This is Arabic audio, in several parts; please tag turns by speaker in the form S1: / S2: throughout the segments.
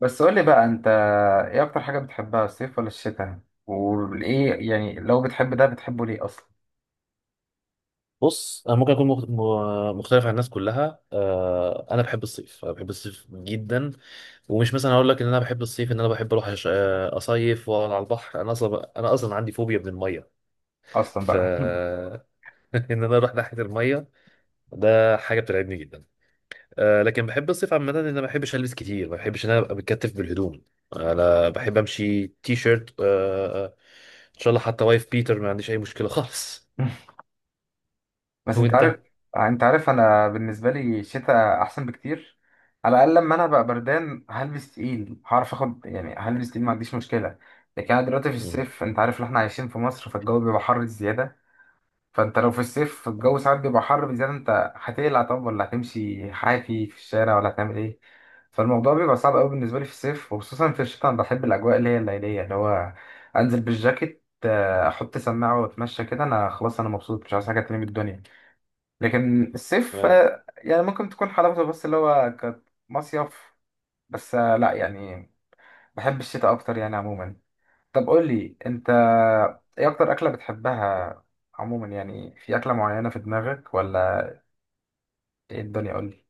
S1: بس قول لي بقى انت، ايه اكتر حاجة بتحبها؟ الصيف ولا الشتاء؟ وايه يعني لو بتحب ده بتحبه ليه اصلا؟
S2: بص، انا ممكن اكون مختلف عن الناس كلها. انا بحب الصيف، انا بحب الصيف جدا. ومش مثلا اقول لك ان انا بحب الصيف ان انا بحب اروح اصيف واقعد على البحر. انا اصلا عندي فوبيا من الميه.
S1: اصلا
S2: ف
S1: بقى.
S2: ان انا اروح ناحيه الميه ده حاجه بترعبني جدا. لكن بحب الصيف عامه، ان انا ما بحبش البس كتير، ما بحبش ان انا ابقى متكتف بالهدوم. انا بحب امشي تي شيرت. ان شاء الله حتى وايف بيتر ما عنديش اي مشكله خالص.
S1: بس انت عارف،
S2: وانت؟
S1: انت عارف انا بالنسبة لي الشتاء احسن بكتير. على الاقل لما انا بقى بردان هلبس تقيل، هعرف اخد، يعني هلبس تقيل ما عنديش مشكلة. لكن انا دلوقتي في الصيف، انت عارف ان احنا عايشين في مصر فالجو بيبقى حر زيادة. فانت لو في الصيف الجو ساعات بيبقى حر بزيادة، انت هتقلع؟ طب ولا هتمشي حافي في الشارع؟ ولا هتعمل ايه؟ فالموضوع بيبقى صعب قوي بالنسبة لي في الصيف. وخصوصا في الشتاء انا بحب الاجواء اللي هي الليلية، اللي هو انزل بالجاكيت، احط سماعة واتمشى كده، انا خلاص، انا مبسوط، مش عايز حاجة تانية من الدنيا. لكن الصيف
S2: مم.
S1: يعني ممكن تكون حلاوته بس اللي هو كمصيف. بس لا يعني، بحب الشتاء اكتر يعني عموما. طب قول لي انت، ايه اكتر اكله بتحبها؟ عموما يعني في اكله معينه في دماغك ولا ايه الدنيا؟ قول لي.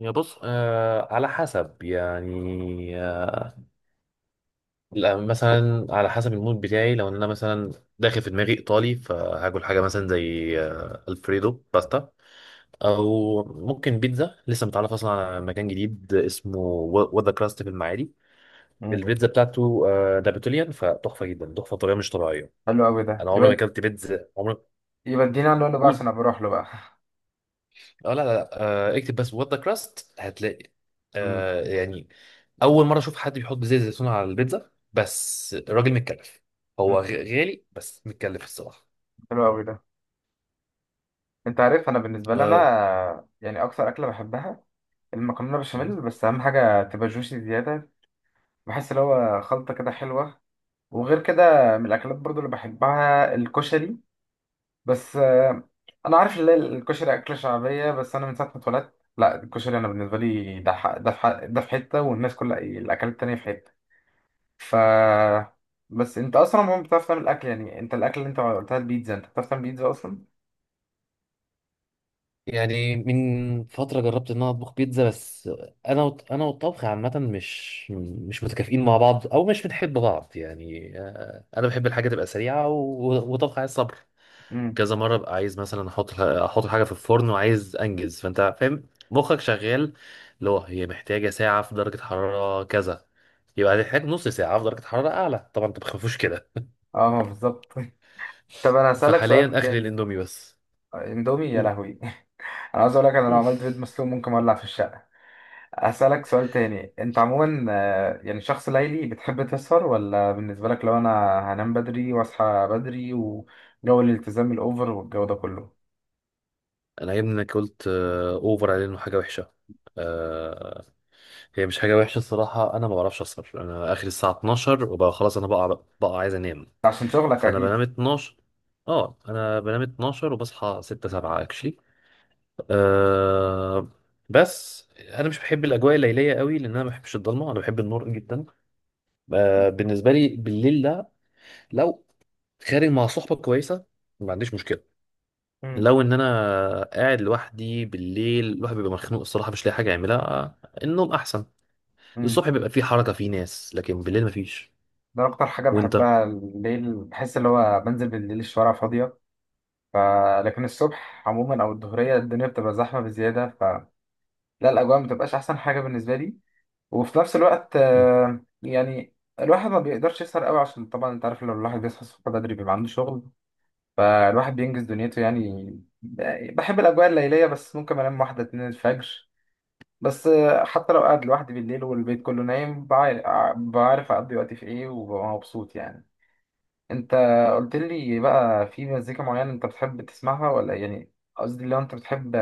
S2: يا بص، على حسب يعني. لا، مثلا على حسب المود بتاعي، لو ان انا مثلا داخل في دماغي ايطالي فهاكل حاجه مثلا زي الفريدو باستا، او ممكن بيتزا. لسه متعرف اصلا على مكان جديد اسمه وذا كراست في المعادي.
S1: مم.
S2: البيتزا بتاعته نابوليان فتحفه جدا، تحفه بطريقه مش طبيعيه.
S1: حلو قوي ده،
S2: انا عمري ما
S1: يبقى.
S2: اكلت بيتزا، عمري.
S1: يبقى ادينا عنوانه بقى
S2: قول.
S1: عشان أبقى اروح له بقى.
S2: اه، لا لا لا، اكتب بس وذا كراست هتلاقي.
S1: مم.
S2: آه يعني اول مره اشوف حد بيحط زيت زيتون على البيتزا، بس الراجل متكلف. هو
S1: مم.
S2: غالي بس متكلف الصراحه.
S1: حلو قوي ده. انت عارف انا بالنسبه لي
S2: آه،
S1: انا، يعني اكتر اكله بحبها المكرونه بشاميل، بس اهم حاجه تبقى جوسي زياده. بحس اللي هو خلطه كده حلوه. وغير كده، من الاكلات برضو اللي بحبها الكشري. بس انا عارف ان الكشري اكله شعبيه، بس انا من ساعه ما اتولدت لا الكشري، انا بالنسبه لي ده ده في ده في حته والناس كلها الاكلات التانيه في حته. ف بس انت اصلا ما بتعرف تعمل اكل يعني. انت الاكل اللي انت قلتها البيتزا، انت بتعرف تعمل بيتزا اصلا؟
S2: من فتره جربت ان انا اطبخ بيتزا، بس انا انا والطبخ عامه مش متكافئين مع بعض، او مش بنحب بعض يعني. انا بحب الحاجه تبقى سريعه وطبخ عايز صبر.
S1: امم.
S2: كذا مره ببقى عايز مثلا احط حاجه في الفرن وعايز انجز، فانت فاهم. مخك شغال، اللي هو هي محتاجه ساعه في درجه حراره كذا، يبقى هتحتاج نص ساعه في درجه حراره اعلى طبعا. انت ما بتخافوش كده.
S1: اه بالظبط. طب انا هسالك سؤال
S2: فحاليا اخري
S1: تاني.
S2: الاندومي بس.
S1: اندومي يا
S2: قول.
S1: لهوي. انا عايز اقول لك، انا لو
S2: مم.
S1: عملت بيض مسلوق ممكن اولع في الشقه. أسألك سؤال تاني، أنت عموما يعني شخص ليلي بتحب تسهر؟ ولا بالنسبة لك لو أنا هنام بدري وأصحى بدري وجو الالتزام الأوفر والجو ده كله؟
S2: انا عيبني انك قلت اوفر، عليه انه حاجه وحشه. آه، هي مش حاجة وحشة الصراحة. أنا ما بعرفش أسهر، أنا آخر الساعة 12 وبقى خلاص. أنا بقى عايز أنام.
S1: عشان شغلك
S2: فأنا
S1: أكيد.
S2: بنام 12. أه، أنا بنام 12 وبصحى 6 7 أكشلي. أه. بس أنا مش بحب الأجواء الليلية قوي لأن أنا ما بحبش الضلمة، أنا بحب النور جدا. أه، بالنسبة لي بالليل ده، لو خارج مع صحبة كويسة ما عنديش مشكلة.
S1: مم.
S2: لو إن أنا قاعد لوحدي بالليل الواحد بيبقى مخنوق الصراحة، مش لاقي حاجة يعملها. النوم أحسن.
S1: مم.
S2: الصبح بيبقى فيه حركة، فيه ناس، لكن بالليل مفيش.
S1: ده أكتر حاجة
S2: وانت؟
S1: بحبها الليل، بحس اللي هو بنزل بالليل الشوارع فاضية. ف... لكن الصبح عموما أو الظهرية الدنيا بتبقى زحمة بزيادة، فلا، الأجواء ما بتبقاش أحسن حاجة بالنسبة لي. وفي نفس الوقت
S2: مم.
S1: يعني الواحد ما بيقدرش يسهر قوي عشان طبعا أنت عارف، لو الواحد بيصحى الصبح بدري بيبقى عنده شغل. فالواحد بينجز دنيته يعني. بحب الأجواء الليلية بس ممكن أنام 1 2 الفجر بس. حتى لو قاعد لوحدي بالليل والبيت كله نايم بعرف أقضي وقتي في إيه وببقى مبسوط يعني. انت، قلت لي بقى في مزيكا معينة انت بتحب تسمعها؟ ولا يعني قصدي لو انت بتحب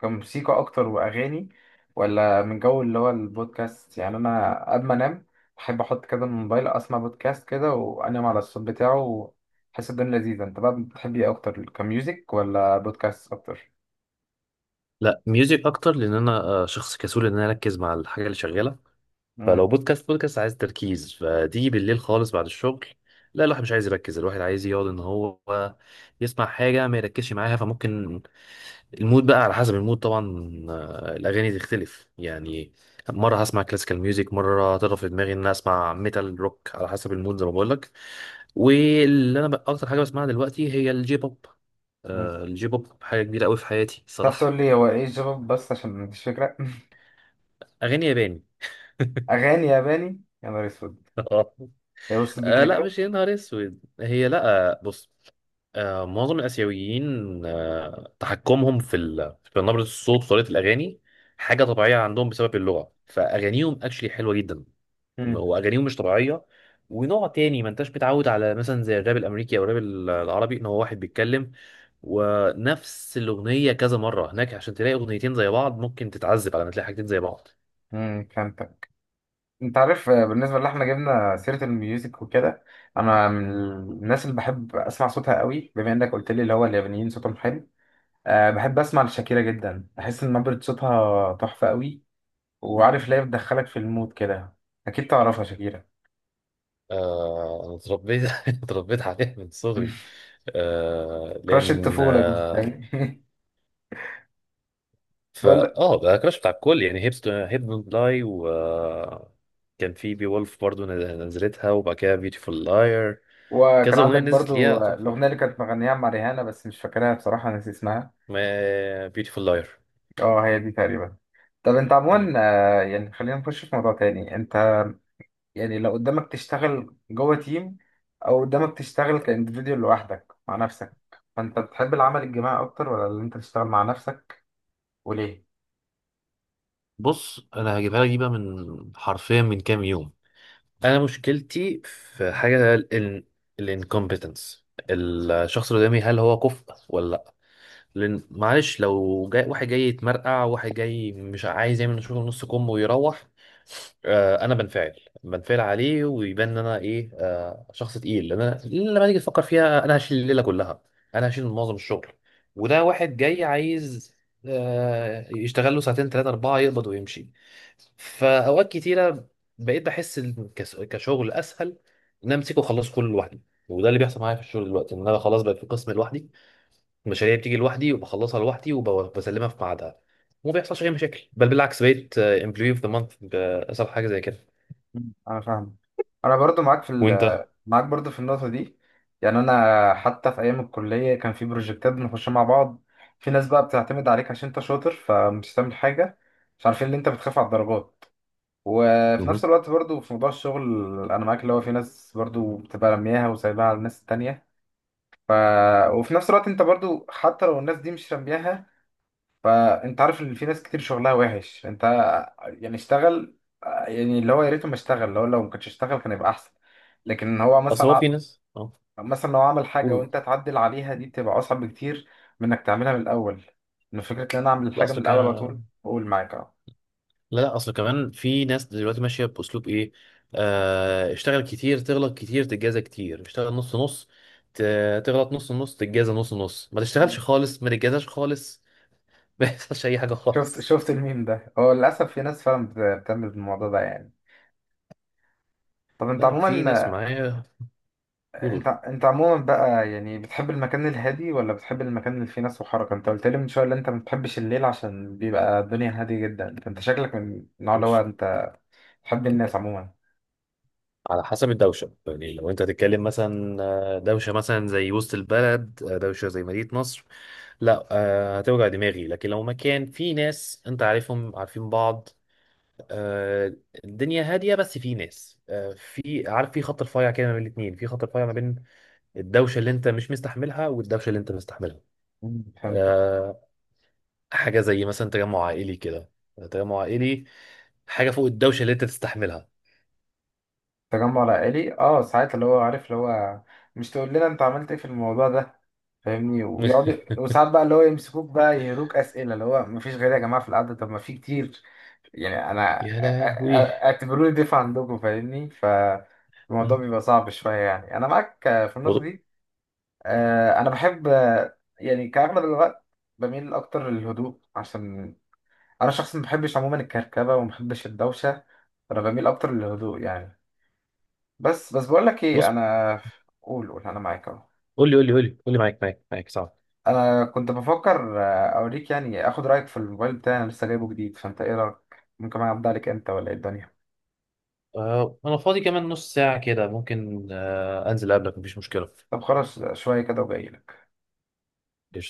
S1: كموسيقى اكتر واغاني، ولا من جو اللي هو البودكاست؟ يعني انا قبل ما انام بحب احط كده الموبايل، اسمع بودكاست كده وانام على الصوت بتاعه، وحس الدنيا لذيذة. انت بقى بتحب ايه اكتر؟ كميوزك ولا بودكاست اكتر؟
S2: لا، ميوزك اكتر لان انا شخص كسول ان انا اركز مع الحاجة اللي شغالة.
S1: امم.
S2: فلو بودكاست، بودكاست عايز تركيز فتيجي بالليل خالص بعد الشغل، لا الواحد مش عايز يركز، الواحد عايز يقعد ان هو يسمع حاجة ما يركزش معاها. فممكن المود بقى على حسب المود طبعا. الاغاني تختلف يعني. مرة هسمع كلاسيكال ميوزك، مرة هترى في دماغي ان انا اسمع ميتال روك، على حسب المود زي ما بقول لك. واللي انا بقى اكتر حاجه بسمعها دلوقتي هي الجي بوب. آه، الجي بوب حاجه كبيره قوي في حياتي
S1: تعرف
S2: الصراحه.
S1: تقول لي هو ايه الجواب بس عشان مفيش فكرة.
S2: اغاني ياباني.
S1: اغاني ياباني يا نهار اسود.
S2: آه.
S1: يوصل بيك
S2: لا،
S1: لكده.
S2: مش يا نهار اسود هي، لا. بص، معظم الاسيويين تحكمهم في في نبره الصوت وطريقه الاغاني حاجه طبيعيه عندهم بسبب اللغه. فاغانيهم اكشلي حلوه جدا،
S1: امم.
S2: واغانيهم مش طبيعيه. ونوع تاني ما انتش متعود على، مثلا زي الراب الامريكي او الراب العربي، ان هو واحد بيتكلم ونفس الاغنيه كذا مره. هناك عشان تلاقي اغنيتين زي بعض ممكن تتعذب على ما تلاقي حاجتين زي بعض.
S1: فهمتك. انت عارف بالنسبه اللي احنا جبنا سيره الميوزك وكده، انا من الناس اللي بحب اسمع صوتها قوي، بما انك قلت لي اللي هو اليابانيين صوتهم حلو. أه بحب اسمع لشاكيرا جدا، بحس ان نبره صوتها تحفه قوي. وعارف ليه؟ بتدخلك في المود كده. اكيد تعرفها شاكيرا.
S2: آه، انا اتربيت اتربيت عليها من صغري. آه
S1: كراش
S2: لان
S1: الطفوله دي،
S2: آه
S1: فاهم؟ بقول،
S2: فا اه ده كراش بتاع الكل يعني، هيبس هيب دونت لاي، و كان في بي وولف برضه نزلتها، وبعد كده بيوتيفول لاير.
S1: وكان
S2: كذا اغنيه
S1: عندك
S2: نزلت
S1: برضو
S2: ليها تحفه.
S1: الاغنيه اللي كانت مغنيها مع ريهانه بس مش فاكرها بصراحه، ناسي اسمها.
S2: ما بيوتيفول لاير.
S1: اه هي دي تقريبا. طب انت عموما
S2: مم.
S1: يعني خلينا نخش في موضوع تاني، انت يعني لو قدامك تشتغل جوه تيم، او قدامك تشتغل كاندفيديوال لوحدك مع نفسك، فانت بتحب العمل الجماعي اكتر ولا اللي انت تشتغل مع نفسك؟ وليه؟
S2: بص، انا هجيبها لك دي بقى من حرفيا من كام يوم. انا مشكلتي في حاجه، الانكومبتنس، الشخص اللي قدامي هل هو كفء ولا لا. لان معلش، لو جاي واحد جاي يتمرقع، واحد جاي مش عايز يعمل شغل، نص كم ويروح، انا بنفعل عليه ويبان ان انا ايه، شخص تقيل. لان انا لما تيجي تفكر فيها انا هشيل الليله كلها، انا هشيل معظم الشغل، وده واحد جاي عايز يشتغل له ساعتين ثلاثة أربعة، يقبض ويمشي. فاوقات كتيره بقيت بحس إن كشغل اسهل ان انا امسكه واخلصه كله لوحدي. وده اللي بيحصل معايا في الشغل دلوقتي، ان انا خلاص بقى في قسم لوحدي، المشاريع بتيجي لوحدي وبخلصها لوحدي وبسلمها في ميعادها، وما بيحصلش اي مشاكل، بل بالعكس، بقيت امبلوي اوف ذا مانث بأسهل حاجه زي كده.
S1: مم. انا فاهم. انا برضو معاك في
S2: وانت؟
S1: معاك برضو في النقطه دي. يعني انا حتى في ايام الكليه كان في بروجكتات بنخشها مع بعض، في ناس بقى بتعتمد عليك عشان انت شاطر، فمش هتعمل حاجه، مش عارفين ان انت بتخاف على الدرجات. وفي نفس
S2: مهم.
S1: الوقت برضو في موضوع الشغل انا معاك، اللي هو في ناس برضو بتبقى رمياها وسايباها على الناس التانية. ف... وفي نفس الوقت انت برضو حتى لو الناس دي مش رمياها، فانت عارف ان في ناس كتير شغلها وحش. انت يعني اشتغل، يعني اللي هو يا ريته ما اشتغل، اللي هو لو ما كانش اشتغل كان يبقى احسن. لكن هو
S2: اصل
S1: مثلا
S2: هو في ناس، اه.
S1: مثلا لو عمل
S2: قول
S1: حاجه
S2: قول.
S1: وانت تعدل عليها دي بتبقى اصعب بكتير من انك تعملها من الاول. ان فكره ان انا اعمل
S2: لا
S1: الحاجه من
S2: اصل
S1: الاول على
S2: كده،
S1: طول، بقول معاك اه.
S2: لا لا، اصل كمان في ناس دلوقتي ماشيه باسلوب ايه: اشتغل كتير تغلط كتير تتجازى كتير، اشتغل نص نص تغلط نص نص تتجازى نص نص، ما تشتغلش خالص ما تتجازاش خالص. ما يحصلش اي حاجه
S1: شفت؟
S2: خالص.
S1: شفت الميم ده؟ هو للاسف في ناس فعلا بتعمل الموضوع ده يعني. طب انت
S2: لا في ناس
S1: عموما،
S2: معايا
S1: انت
S2: برول
S1: انت عموما بقى يعني بتحب المكان الهادي ولا بتحب المكان اللي فيه ناس وحركه؟ انت قلت لي من شويه ان انت ما بتحبش الليل عشان بيبقى الدنيا هاديه جدا. انت، أنت شكلك من النوع اللي هو
S2: مش
S1: انت تحب الناس عموما؟
S2: على حسب الدوشه يعني. لو انت هتتكلم مثلا دوشه مثلا زي وسط البلد، دوشه زي مدينه نصر، لا هتوجع دماغي. لكن لو مكان في ناس انت عارفهم، عارفين بعض، آه، الدنيا هاديه بس في ناس، في، عارف، في خط رفيع كده ما بين الاثنين، في خط رفيع ما بين الدوشه اللي انت مش مستحملها والدوشه اللي انت مستحملها.
S1: مم. فهمتك.
S2: آه، حاجه زي مثلا تجمع عائلي كده، تجمع عائلي، حاجه فوق الدوشه اللي انت تستحملها.
S1: تجمع العائلي اه، ساعات اللي هو عارف اللي هو، مش تقول لنا انت عملت ايه في الموضوع ده، فاهمني؟ ويقعد، وساعات بقى اللي هو يمسكوك بقى يهروك اسئله، اللي هو ما فيش غير يا جماعه في القعده طب ما في كتير يعني. انا
S2: يا لهوي.
S1: اعتبروني ضيف عندكم فاهمني، فالموضوع
S2: آه.
S1: بيبقى صعب شويه يعني. انا معاك في النقطه
S2: وط-
S1: دي. انا بحب يعني كاغلب الوقت بميل اكتر للهدوء، عشان انا شخص ما بحبش عموما الكركبه وما بحبش الدوشه، فانا بميل اكتر للهدوء يعني. بس بقول لك ايه
S2: بص،
S1: انا، قول، انا معاك اهو.
S2: قول لي قول لي قول لي قول لي، معاك معاك معاك، صعب.
S1: انا كنت بفكر اوريك يعني، اخد رايك في الموبايل بتاعي، انا لسه جايبه جديد، فانت ايه رايك؟ ممكن اعدي عليك انت ولا ايه الدنيا؟
S2: انا فاضي كمان نص ساعه كده، ممكن انزل قبلك مفيش مشكله.
S1: طب خلاص شويه كده وجاي.